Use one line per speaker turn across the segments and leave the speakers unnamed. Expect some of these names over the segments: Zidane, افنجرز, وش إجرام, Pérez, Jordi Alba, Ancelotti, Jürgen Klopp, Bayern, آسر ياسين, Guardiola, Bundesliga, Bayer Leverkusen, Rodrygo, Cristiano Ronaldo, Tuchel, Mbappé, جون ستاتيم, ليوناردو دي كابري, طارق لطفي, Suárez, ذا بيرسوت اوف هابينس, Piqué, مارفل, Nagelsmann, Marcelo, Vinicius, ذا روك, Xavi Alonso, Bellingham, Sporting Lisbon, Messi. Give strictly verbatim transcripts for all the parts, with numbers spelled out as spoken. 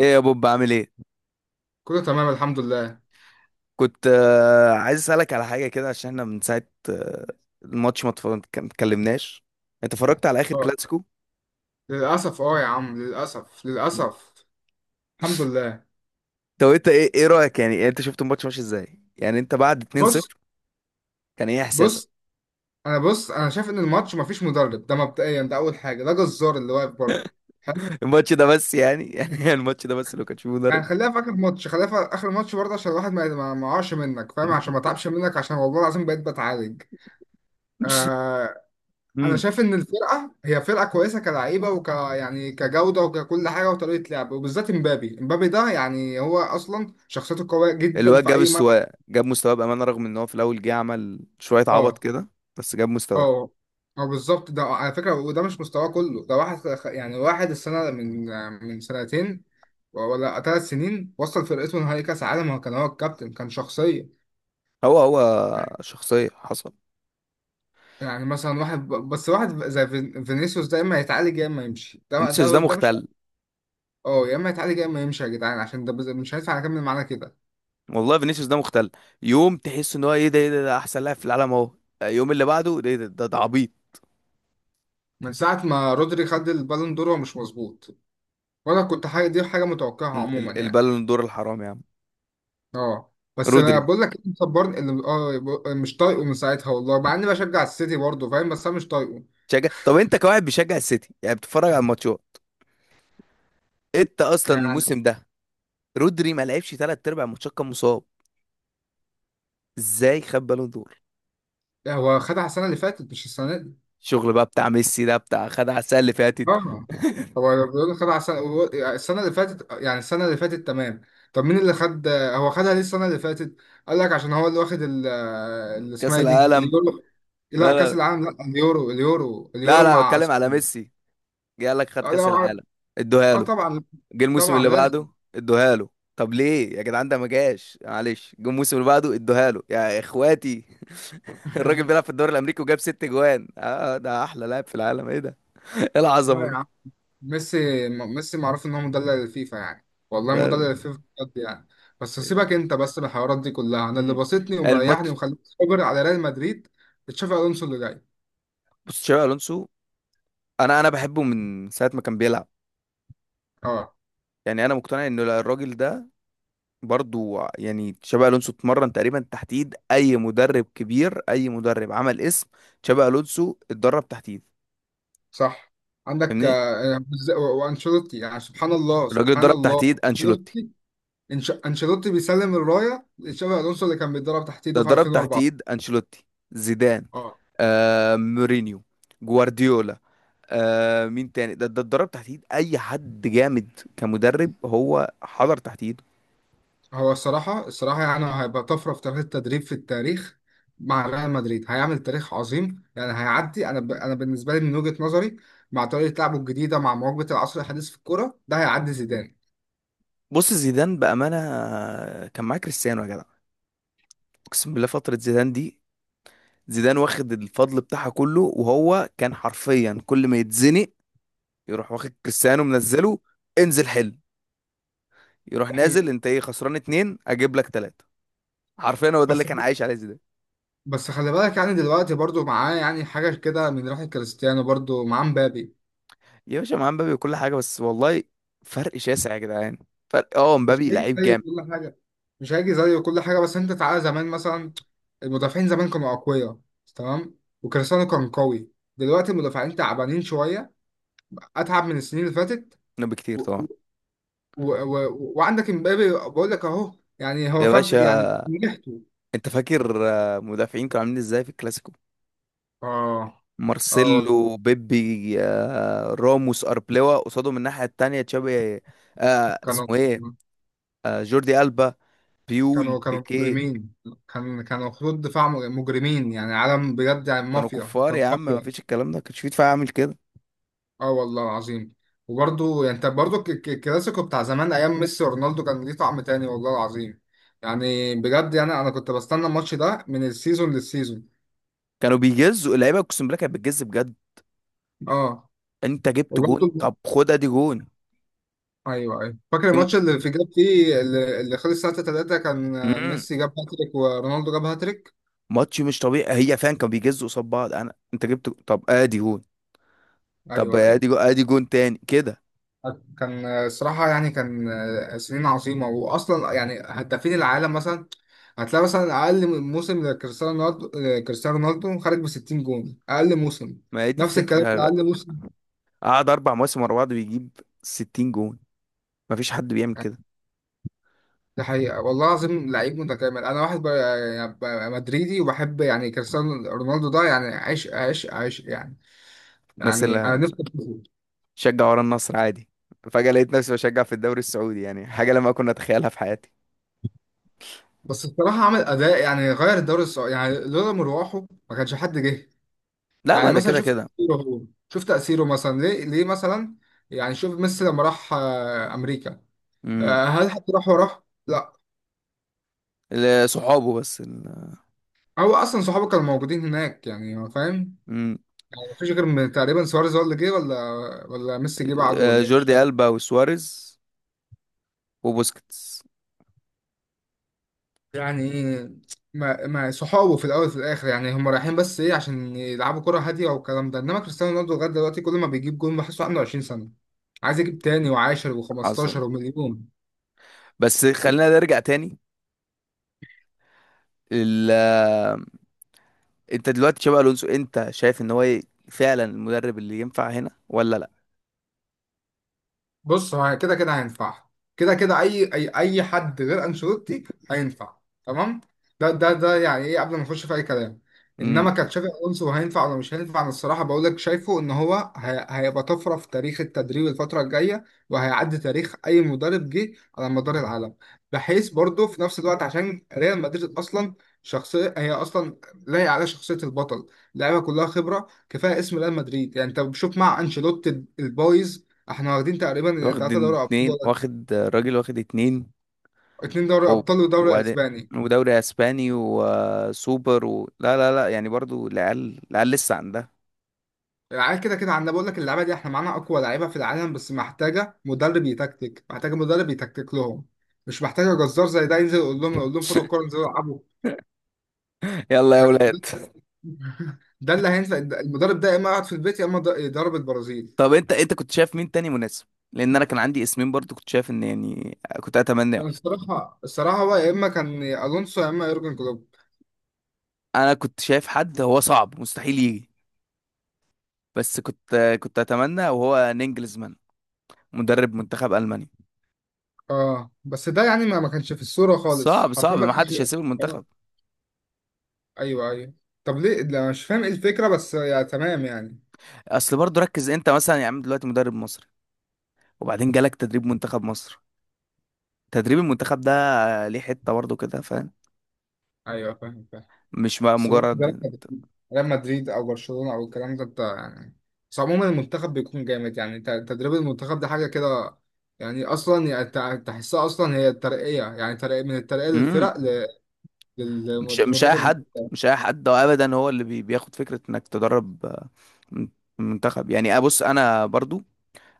ايه يا بوب عامل ايه؟
كله تمام الحمد لله.
كنت آه، عايز اسالك على حاجه كده عشان احنا من ساعه آه، الماتش ما اتفرج- ما اتكلمناش. انت اتفرجت على اخر
اه،
كلاسيكو؟
للأسف. اه يا عم، للأسف للأسف. الحمد لله.
طب انت ايه، ايه رايك يعني، يعني انت شفت الماتش ماشي ازاي؟ يعني انت بعد
بص
اثنين صفر كان ايه احساسك؟
بص أنا بص أنا شايف إن الماتش مفيش مدرب، ده مبدئيا، ده أول حاجة، ده جزار اللي واقف بره. حلو.
الماتش ده بس يعني يعني الماتش ده بس لو كان فيه مدرب.
يعني خليها في آخر ماتش، خليها في آخر ماتش برضه، عشان الواحد ما ما ما يقعش منك، فاهم؟ عشان ما تعبش منك، عشان والله العظيم بقيت بتعالج. آه، أنا
امم
شايف إن الفرقة هي فرقة كويسة، كلعيبة وك يعني كجودة وككل حاجة وطريقة لعب، وبالذات إمبابي. إمبابي ده يعني هو أصلا شخصيته قوية جدا
الواد
في
جاب
أي ملعب.
استواء، جاب مستواه بامانه، رغم ان هو في الاول جه عمل شويه عبط
اه
كده، بس جاب مستواه.
اه اه، بالظبط. ده على فكرة، وده مش مستواه كله. ده واحد خ- يعني واحد السنة من من سنتين ولا ثلاث سنين وصل فرقته نهائي كأس عالم. هو كان هو الكابتن، كان شخصية.
هو هو شخصيه، حصل.
يعني مثلا واحد ب- بس واحد زي فين- فينيسيوس ده، يا اما يتعالج يا اما يمشي، ده
فينيسيوس
ده
ده
ده مش.
مختل،
اه، يا اما يتعالج يا اما يمشي، يا جدعان، عشان ده بز- مش هينفع اكمل معانا كده.
والله فينيسيوس ده مختل. يوم تحس ان هو ايه ده، ايه ده، ده احسن لاعب في العالم اهو. آه، يوم اللي بعده ده، إيه ده، ده, ده عبيط.
من ساعة ما رودري خد البالون دور، هو مش مظبوط، وانا كنت حاجة دي حاجة متوقعها
ال-
عموما
ال-
يعني.
البالون دور الحرام يا عم.
اه، بس انا
رودري
بقول لك، اللي مصبرني، اللي اه ب- مش طايقه من ساعتها والله، مع اني بشجع السيتي برضه، فاهم؟ بس انا مش طايقه.
تشجع. طب انت كواحد بيشجع السيتي يعني بتتفرج على الماتشات؟ انت اصلا
يعني
الموسم ده رودري ما لعبش ثلاث ارباع الماتشات، كان مصاب. ازاي خد بالون دور؟
هو خدها السنه اللي فاتت، مش السنه دي.
الشغل بقى بتاع ميسي، ده بتاع خد على السنه اللي فاتت.
اه، هو بيقول خدها السنه هو- السنه اللي فاتت، يعني السنه اللي فاتت، تمام. طب مين اللي خد؟ هو خدها ليه السنه اللي فاتت؟ قال لك عشان هو اللي واخد ال- اللي
كاس
اسمها إيه دي،
العالم.
اليورو. لا،
لا لا
كاس
لا،
العالم، لا، اليورو، اليورو
لا
اليورو
لا،
مع
بتكلم على
أسبانيا.
ميسي. جه قال لك خد
لا،
كاس العالم، ادوها
اه
له.
طبعا،
جه الموسم
طبعا
اللي
لازم.
بعده، ادوها له. طب ليه يا جدعان؟ ده ما جاش، معلش، جه الموسم اللي بعده ادوها له يا اخواتي. الراجل بيلعب في الدوري الامريكي وجاب ست جوان، اه ده احلى لاعب في العالم، ايه ده؟ ايه
لا
العظمه دي؟
يا ميسي، م- ميسي معروف ان هو مدلل الفيفا، يعني والله
ده
مدلل الفيفا بجد يعني. بس سيبك انت بس من الحوارات دي كلها، انا اللي
مم.
بسطني ومريحني
الماتش.
ومخليني صابر على ريال مدريد تشافي الونسو اللي جاي.
بص تشابي الونسو، انا انا بحبه من ساعه ما كان بيلعب.
اه،
يعني انا مقتنع ان الراجل ده برضو، يعني تشابي الونسو اتمرن تقريبا تحت ايد اي مدرب كبير، اي مدرب عمل اسم. تشابي الونسو اتدرب تحت ايد،
صح. عندك
فاهمني،
آه، وز- و- وانشيلوتي، يعني سبحان الله،
الراجل
سبحان
اتدرب تحت
الله.
ايد انشيلوتي.
انشيلوتي، إنش- انشيلوتي بيسلم الرايه لتشافي الونسو اللي كان بيتدرب تحت
ده
ايده في
ضرب تحت
ألفين وأربعة.
ايد انشيلوتي، زيدان، آه مورينيو، جوارديولا. آه مين تاني؟ ده ده اتدرب تحت ايد اي حد جامد كمدرب، هو حضر تحت ايده.
هو الصراحة الصراحة يعني هيبقى طفرة في تاريخ التدريب، في التاريخ. مع ريال مدريد هيعمل تاريخ عظيم يعني هيعدي. أنا ب... أنا بالنسبة لي من وجهة نظري، مع طريقة لعبه الجديدة مع مواكبة العصر الحديث في الكورة، ده هيعدي زيدان.
بص زيدان بامانه، آه، كان معاه كريستيانو يا جدع. اقسم بالله فتره زيدان دي، زيدان واخد الفضل بتاعها كله، وهو كان حرفيا كل ما يتزنق يروح واخد كريستيانو، منزله، انزل حل. يروح
ده
نازل،
حقيقة.
انت ايه خسران اتنين، اجيب لك تلاته. حرفيا هو ده اللي
بس
كان عايش عليه زيدان.
بس خلي بالك، يعني دلوقتي برضو معاه يعني حاجة كده من ريحة كريستيانو، برضو معاه مبابي.
يا باشا مع مبابي وكل حاجة، بس والله فرق شاسع يا جدعان. فرق، اه
مش
مبابي
هيجي
لعيب
زيه
جامد
كل حاجة. مش هيجي زيه كل حاجة، بس أنت تعالى زمان مثلا، المدافعين زمان كانوا أقوياء، تمام، وكريستيانو كان قوي. دلوقتي المدافعين تعبانين شوية، اتعب من السنين اللي فاتت.
منه بكتير
و... و...
طبعا.
و... و... وعندك امبابي بقول لك اهو، يعني هو
يا
فرد يعني
باشا
نجحته.
انت فاكر آه، مدافعين كانوا عاملين ازاي في الكلاسيكو؟
اه، اه والله،
مارسيلو، بيبي، آه، راموس، اربلوا قصادهم، الناحية التانية تشابي، آه
كانوا
اسمه ايه، آه جوردي ألبا، بيول،
كانوا كانوا
بيكيه.
مجرمين. كان كانوا خطوط دفاع مجرمين، يعني عالم بجد، يعني
كانوا
مافيا،
كفار
كانوا
يا عم، ما
مافيا.
فيش الكلام ده، كانش في دفاع عامل كده.
اه والله العظيم. وبرضه يعني انت برضه الك- الك- الكلاسيكو بتاع زمان، ايام ميسي ورونالدو، كان ليه طعم تاني والله العظيم. يعني بجد، يعني انا كنت بستنى الماتش ده من السيزون للسيزون.
كانوا بيجزوا اللعيبة، اقسم بالله كانت بتجز بجد.
اه
انت جبت جون، طب
وبرضه،
خدها دي جون.
ايوه ايوه، فاكر الماتش اللي في جاب فيه، اللي اللي خلص ساعة تلاتة. كان آه،
امم
ميسي جاب هاتريك ورونالدو جاب هاتريك.
ماتش مش طبيعي، هي فعلا كانوا بيجزوا قصاد بعض. انا انت جبت، طب ادي جون، طب
ايوه ايوه.
ادي جون، ادي جون تاني كده.
كان آه، الصراحة يعني، كان آه، سنين عظيمة، واصلا يعني هدافين العالم مثلا، هتلاقي مثلا اقل موسم لكريستيانو رونالدو، آه، كريستيانو رونالدو خارج ب ستين جون اقل موسم.
ما هي دي
نفس الكلام،
الفكره،
اقل موسم.
قعد اربع مواسم ورا بعض بيجيب ستين جون، ما فيش حد بيعمل كده.
ده حقيقة والله العظيم، لعيب متكامل. أنا واحد ب- يعني ب- مدريدي، وبحب يعني كريستيانو رونالدو، ده يعني عشق عشق عشق يعني.
الناس
يعني أنا
اللي
نفسي أشوفه.
شجع ورا النصر عادي، فجاه لقيت نفسي بشجع في الدوري السعودي، يعني حاجه لما كنا اتخيلها في حياتي.
بس بصراحة عمل أداء، يعني غير الدوري السعودي، يعني لولا مروحه ما كانش حد جه.
لا،
يعني
ما ده
مثلا
كده
شوف
كده.
تأثيره هو، شوف تأثيره مثلا، ليه؟ ليه مثلا؟ يعني شوف ميسي لما راح آه، أمريكا،
امم
آه، هل حد راح وراه؟ لا.
ال- صحابه بس ال...
هو أصلا صحابه كانوا موجودين هناك، يعني هو فاهم.
امم
يعني مفيش غير م- تقريبا سواريز هو اللي جه، ولا ولا ميسي جه بعده،
آه،
ولا إيه؟ مش
جوردي ألبا وسواريز وبوسكيتس.
يعني ما ما صحابه في الاول وفي الاخر، يعني هم رايحين بس ايه، عشان يلعبوا كرة هادية والكلام ده. انما كريستيانو رونالدو لغاية دلوقتي كل ما بيجيب جون بحسه عنده عشرين سنة، عايز يجيب تاني وعاشر
حصل.
وخمستاشر ومليون.
بس خلينا نرجع تاني. انت دلوقتي تشابي الونسو انت شايف ان هو ي- فعلا المدرب اللي ينفع هنا ولا لا؟
بص، هو كده كده هينفع. كده كده، اي اي اي حد غير انشيلوتي هينفع، تمام. ده ده ده يعني ايه قبل ما نخش في اي كلام.
امم
انما كتشافي الونسو هينفع ولا مش هينفع، انا الصراحه بقول لك، شايفه ان هو هي- هيبقى طفره في تاريخ التدريب الفتره الجايه، وهيعدي تاريخ اي مدرب جه على مدار العالم، بحيث برضه في نفس الوقت، عشان ريال مدريد اصلا شخصيه، هي اصلا لايقه على شخصيه البطل، اللعيبه كلها خبره، كفايه اسم ريال مدريد. يعني انت بتشوف مع انشيلوتي البايظ احنا واخدين تقريبا
واخد
تلاتة دوري ابطال،
اتنين،
ولا
واخد راجل، واخد اتنين
اتنين دوري
و-
ابطال ودوري
وبعدين،
اسباني.
ودوري اسباني وسوبر و... لا لا لا، يعني برضو العيال، العيال لسه عندها.
العيال كده كده عندنا، بقول لك اللعيبه دي احنا معانا اقوى لعيبه في العالم، بس محتاجه مدرب يتكتك، محتاجه مدرب يتكتك لهم، مش محتاجه جزار زي ده ينزل يقول لهم، يقول لهم خدوا الكوره انزلوا العبوا.
يلا يا
يعني ده,
اولاد.
ده اللي هينفع. المدرب ده يا اما يقعد في البيت، يا اما ض- يدرب البرازيل.
طب انت، انت كنت شايف مين تاني مناسب؟ لان انا كان عندي اسمين، برضو كنت شايف ان يعني كنت اتمناه.
كان الصراحه، الصراحه هو يا اما كان الونسو، يا اما يورجن كلوب.
انا كنت شايف حد هو صعب مستحيل يجي، بس كنت، كنت اتمنى وهو نينجلزمان، مدرب منتخب المانيا.
اه، بس ده يعني ما ما كانش في الصوره خالص
صعب
حرفيا
صعب،
ما
ما
كانش.
حدش هيسيب
آه.
المنتخب.
ايوه ايوه. طب ليه لا؟ مش فاهم ايه الفكره، بس يا تمام يعني.
اصل برضه ركز انت مثلا يا عم، دلوقتي مدرب مصري وبعدين جالك تدريب منتخب مصر، تدريب المنتخب ده ليه حتة برضه كده، فاهم.
ايوه، فاهم فاهم.
مش بقى
بس برضه ده ريال
مجرد.
مدريد، ريال مدريد او برشلونه او الكلام ده، انت يعني. بس عموما المنتخب بيكون جامد، يعني ت- تدريب المنتخب ده حاجه كده. يعني اصلا يعني تع- تحسها اصلا هي ترقيه، يعني ترقيه من الترقيه
امم
للفرق ل-
مش مش اي
للمدرب.
حد، مش اي حد ده ابدا، هو اللي بي- بياخد فكرة انك تدرب آه، من- منتخب. يعني ابص انا برضو،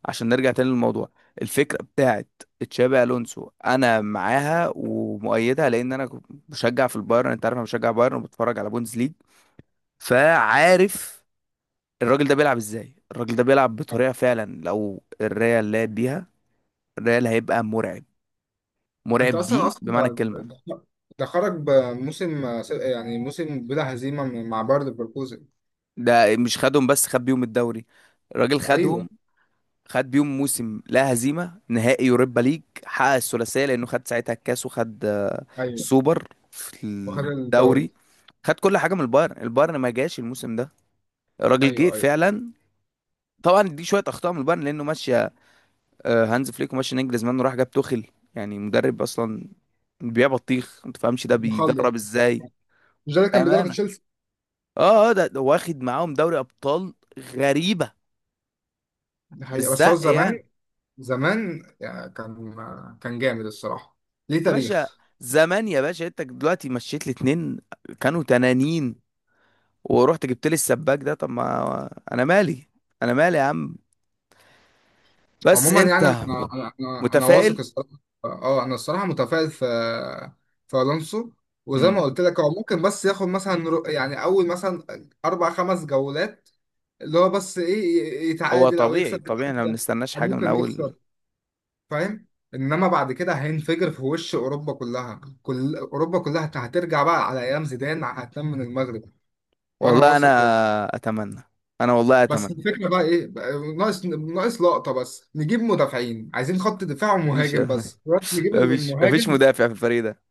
عشان نرجع تاني للموضوع، الفكرة بتاعت تشابي الونسو انا معاها ومؤيدها، لان انا كنت بشجع في البايرن، انت عارف انا بشجع بايرن وبتفرج على بوندس ليج، فعارف الراجل ده بيلعب ازاي. الراجل ده بيلعب بطريقة فعلا لو الريال لعب بيها، الريال هيبقى مرعب،
انت
مرعب
اصلا
دي
اصلا
بمعنى الكلمة.
ده ده- ده خرج بموسم س- يعني موسم بلا هزيمه من- مع باير ليفركوزن.
ده مش خدهم بس، خد بيهم الدوري. الراجل
ايوه
خدهم، خد بيهم موسم لا هزيمة، نهائي يوروبا ليج، حقق الثلاثية لأنه خد ساعتها الكاس وخد آه،
ايوه،
السوبر في
وخد
الدوري.
الدوري.
خد كل حاجة من البايرن، البايرن ما جاش الموسم ده، الراجل جه
ايوه ايوه،
فعلا. طبعا دي شوية أخطاء من البايرن، لأنه ماشي آه، هانز فليك، وماشي نجلزمان، وراح جاب توخيل، يعني مدرب اصلا بيبيع بطيخ ما تفهمش ده بيدرب
مخلص.
ازاي.
مش ده اللي كان بيدرب
امانه
تشيلسي؟
اه اه ده, ده واخد معاهم دوري ابطال، غريبه،
دي حقيقة، بس هو
بالزق يعني.
زمان، زمان يعني كان، كان جامد الصراحة، ليه
يا باشا،
تاريخ.
زمان يا باشا، انت دلوقتي مشيت لي اتنين، كانوا تنانين، ورحت جبت لي السباك ده، طب ما انا مالي، انا مالي يا عم. بس
عموما يعني انا
انت
انا انا, أنا واثق
متفائل.
الصراحة. اه انا الصراحة متفائل في، في الونسو. وزي
مم.
ما قلت لك، هو ممكن بس ياخد مثلا رو- يعني اول مثلا اربع خمس جولات، اللي هو بس ايه،
هو
يتعادل او
طبيعي،
يكسب
طبيعي، احنا ما
بالعافية،
بنستناش
او
حاجه من
ممكن
اول.
يخسر، فاهم؟ انما بعد كده هينفجر في وش اوروبا كلها، كل اوروبا كلها هترجع بقى على ايام زيدان، هتنام من المغرب. وانا
والله انا
واثق والله.
اتمنى، انا والله
بس
اتمنى.
الفكره بقى ايه بقى، ناقص ناقص لقطه بس، نجيب مدافعين، عايزين خط دفاع
مفيش.
ومهاجم، بس دلوقتي نجيب
مفيش مفيش
المهاجم.
مدافع في الفريق ده.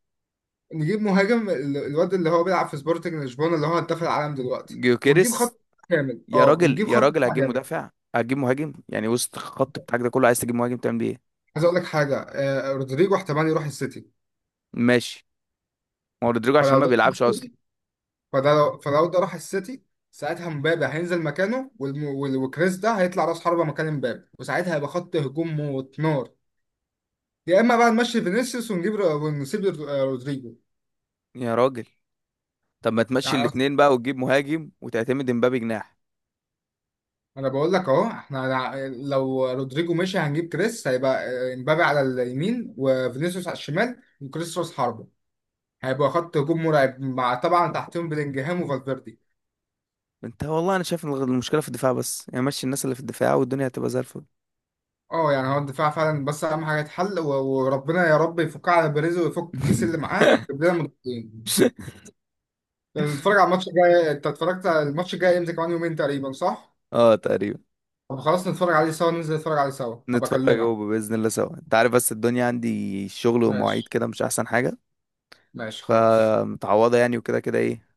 نجيب مهاجم، ال- الواد اللي هو بيلعب في سبورتنج لشبونه اللي هو هداف العالم دلوقتي. ونجيب
جيوكيريس.
خط كامل.
يا
اه،
راجل،
ونجيب
يا
خط
راجل،
دفاع
هتجيب
جامد.
مدافع، هتجيب مهاجم، يعني وسط الخط بتاعك ده كله عايز تجيب مهاجم تعمل بيه ايه؟
عايز اقول لك حاجه، آه رودريجو احتمال يروح السيتي.
ماشي، ما هو رودريجو عشان
فلو
ما
ده راح
بيلعبش اصلا.
السيتي، فده لو فلو ده راح السيتي، ساعتها مبابي هينزل مكانه، والم- وال- وكريس ده هيطلع راس حربه مكان مبابي، وساعتها هيبقى خط هجوم موت نار. يا اما بقى نمشي فينيسيوس ونجيب رو- ونسيب رو- آه، رودريجو.
يا راجل، طب ما تمشي
يعني أص-
الاتنين بقى، وتجيب مهاجم، وتعتمد امبابي جناح.
انا بقول لك اهو، احنا ع- لو رودريجو مشي هنجيب كريس، هيبقى آه، امبابي على اليمين وفينيسيوس على الشمال وكريس راس حربة، هيبقى خط هجوم مرعب، مع طبعا تحتهم بلينجهام وفالفيردي.
انت والله انا شايف ان المشكله في الدفاع بس، يعني مشي الناس اللي في الدفاع والدنيا هتبقى زي الفل.
اه، يعني هو الدفاع فعلا بس، اهم حاجه يتحل، و- وربنا يا رب يفكها على بيريز ويفك الكيس اللي معاه، يجيب لنا مدافعين. نتفرج على الماتش الجاي. انت اتفرجت على الماتش الجاي امتى؟ كمان يومين تقريبا، صح؟
اه تقريبا.
طب خلاص نتفرج عليه سوا، ننزل نتفرج عليه سوا، هبقى
نتفرج هو
اكلمك.
باذن الله سوا، انت عارف بس الدنيا عندي شغل ومواعيد
ماشي،
كده، مش احسن حاجه.
ماشي خلاص.
فمتعوضه يعني، وكده كده ايه،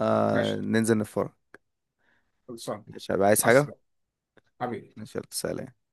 آه
ماشي،
ننزل نتفرج.
خلصان.
مش هبقى عايز حاجة.
عسل. حبيبي.
ماشي، يلا، سلام.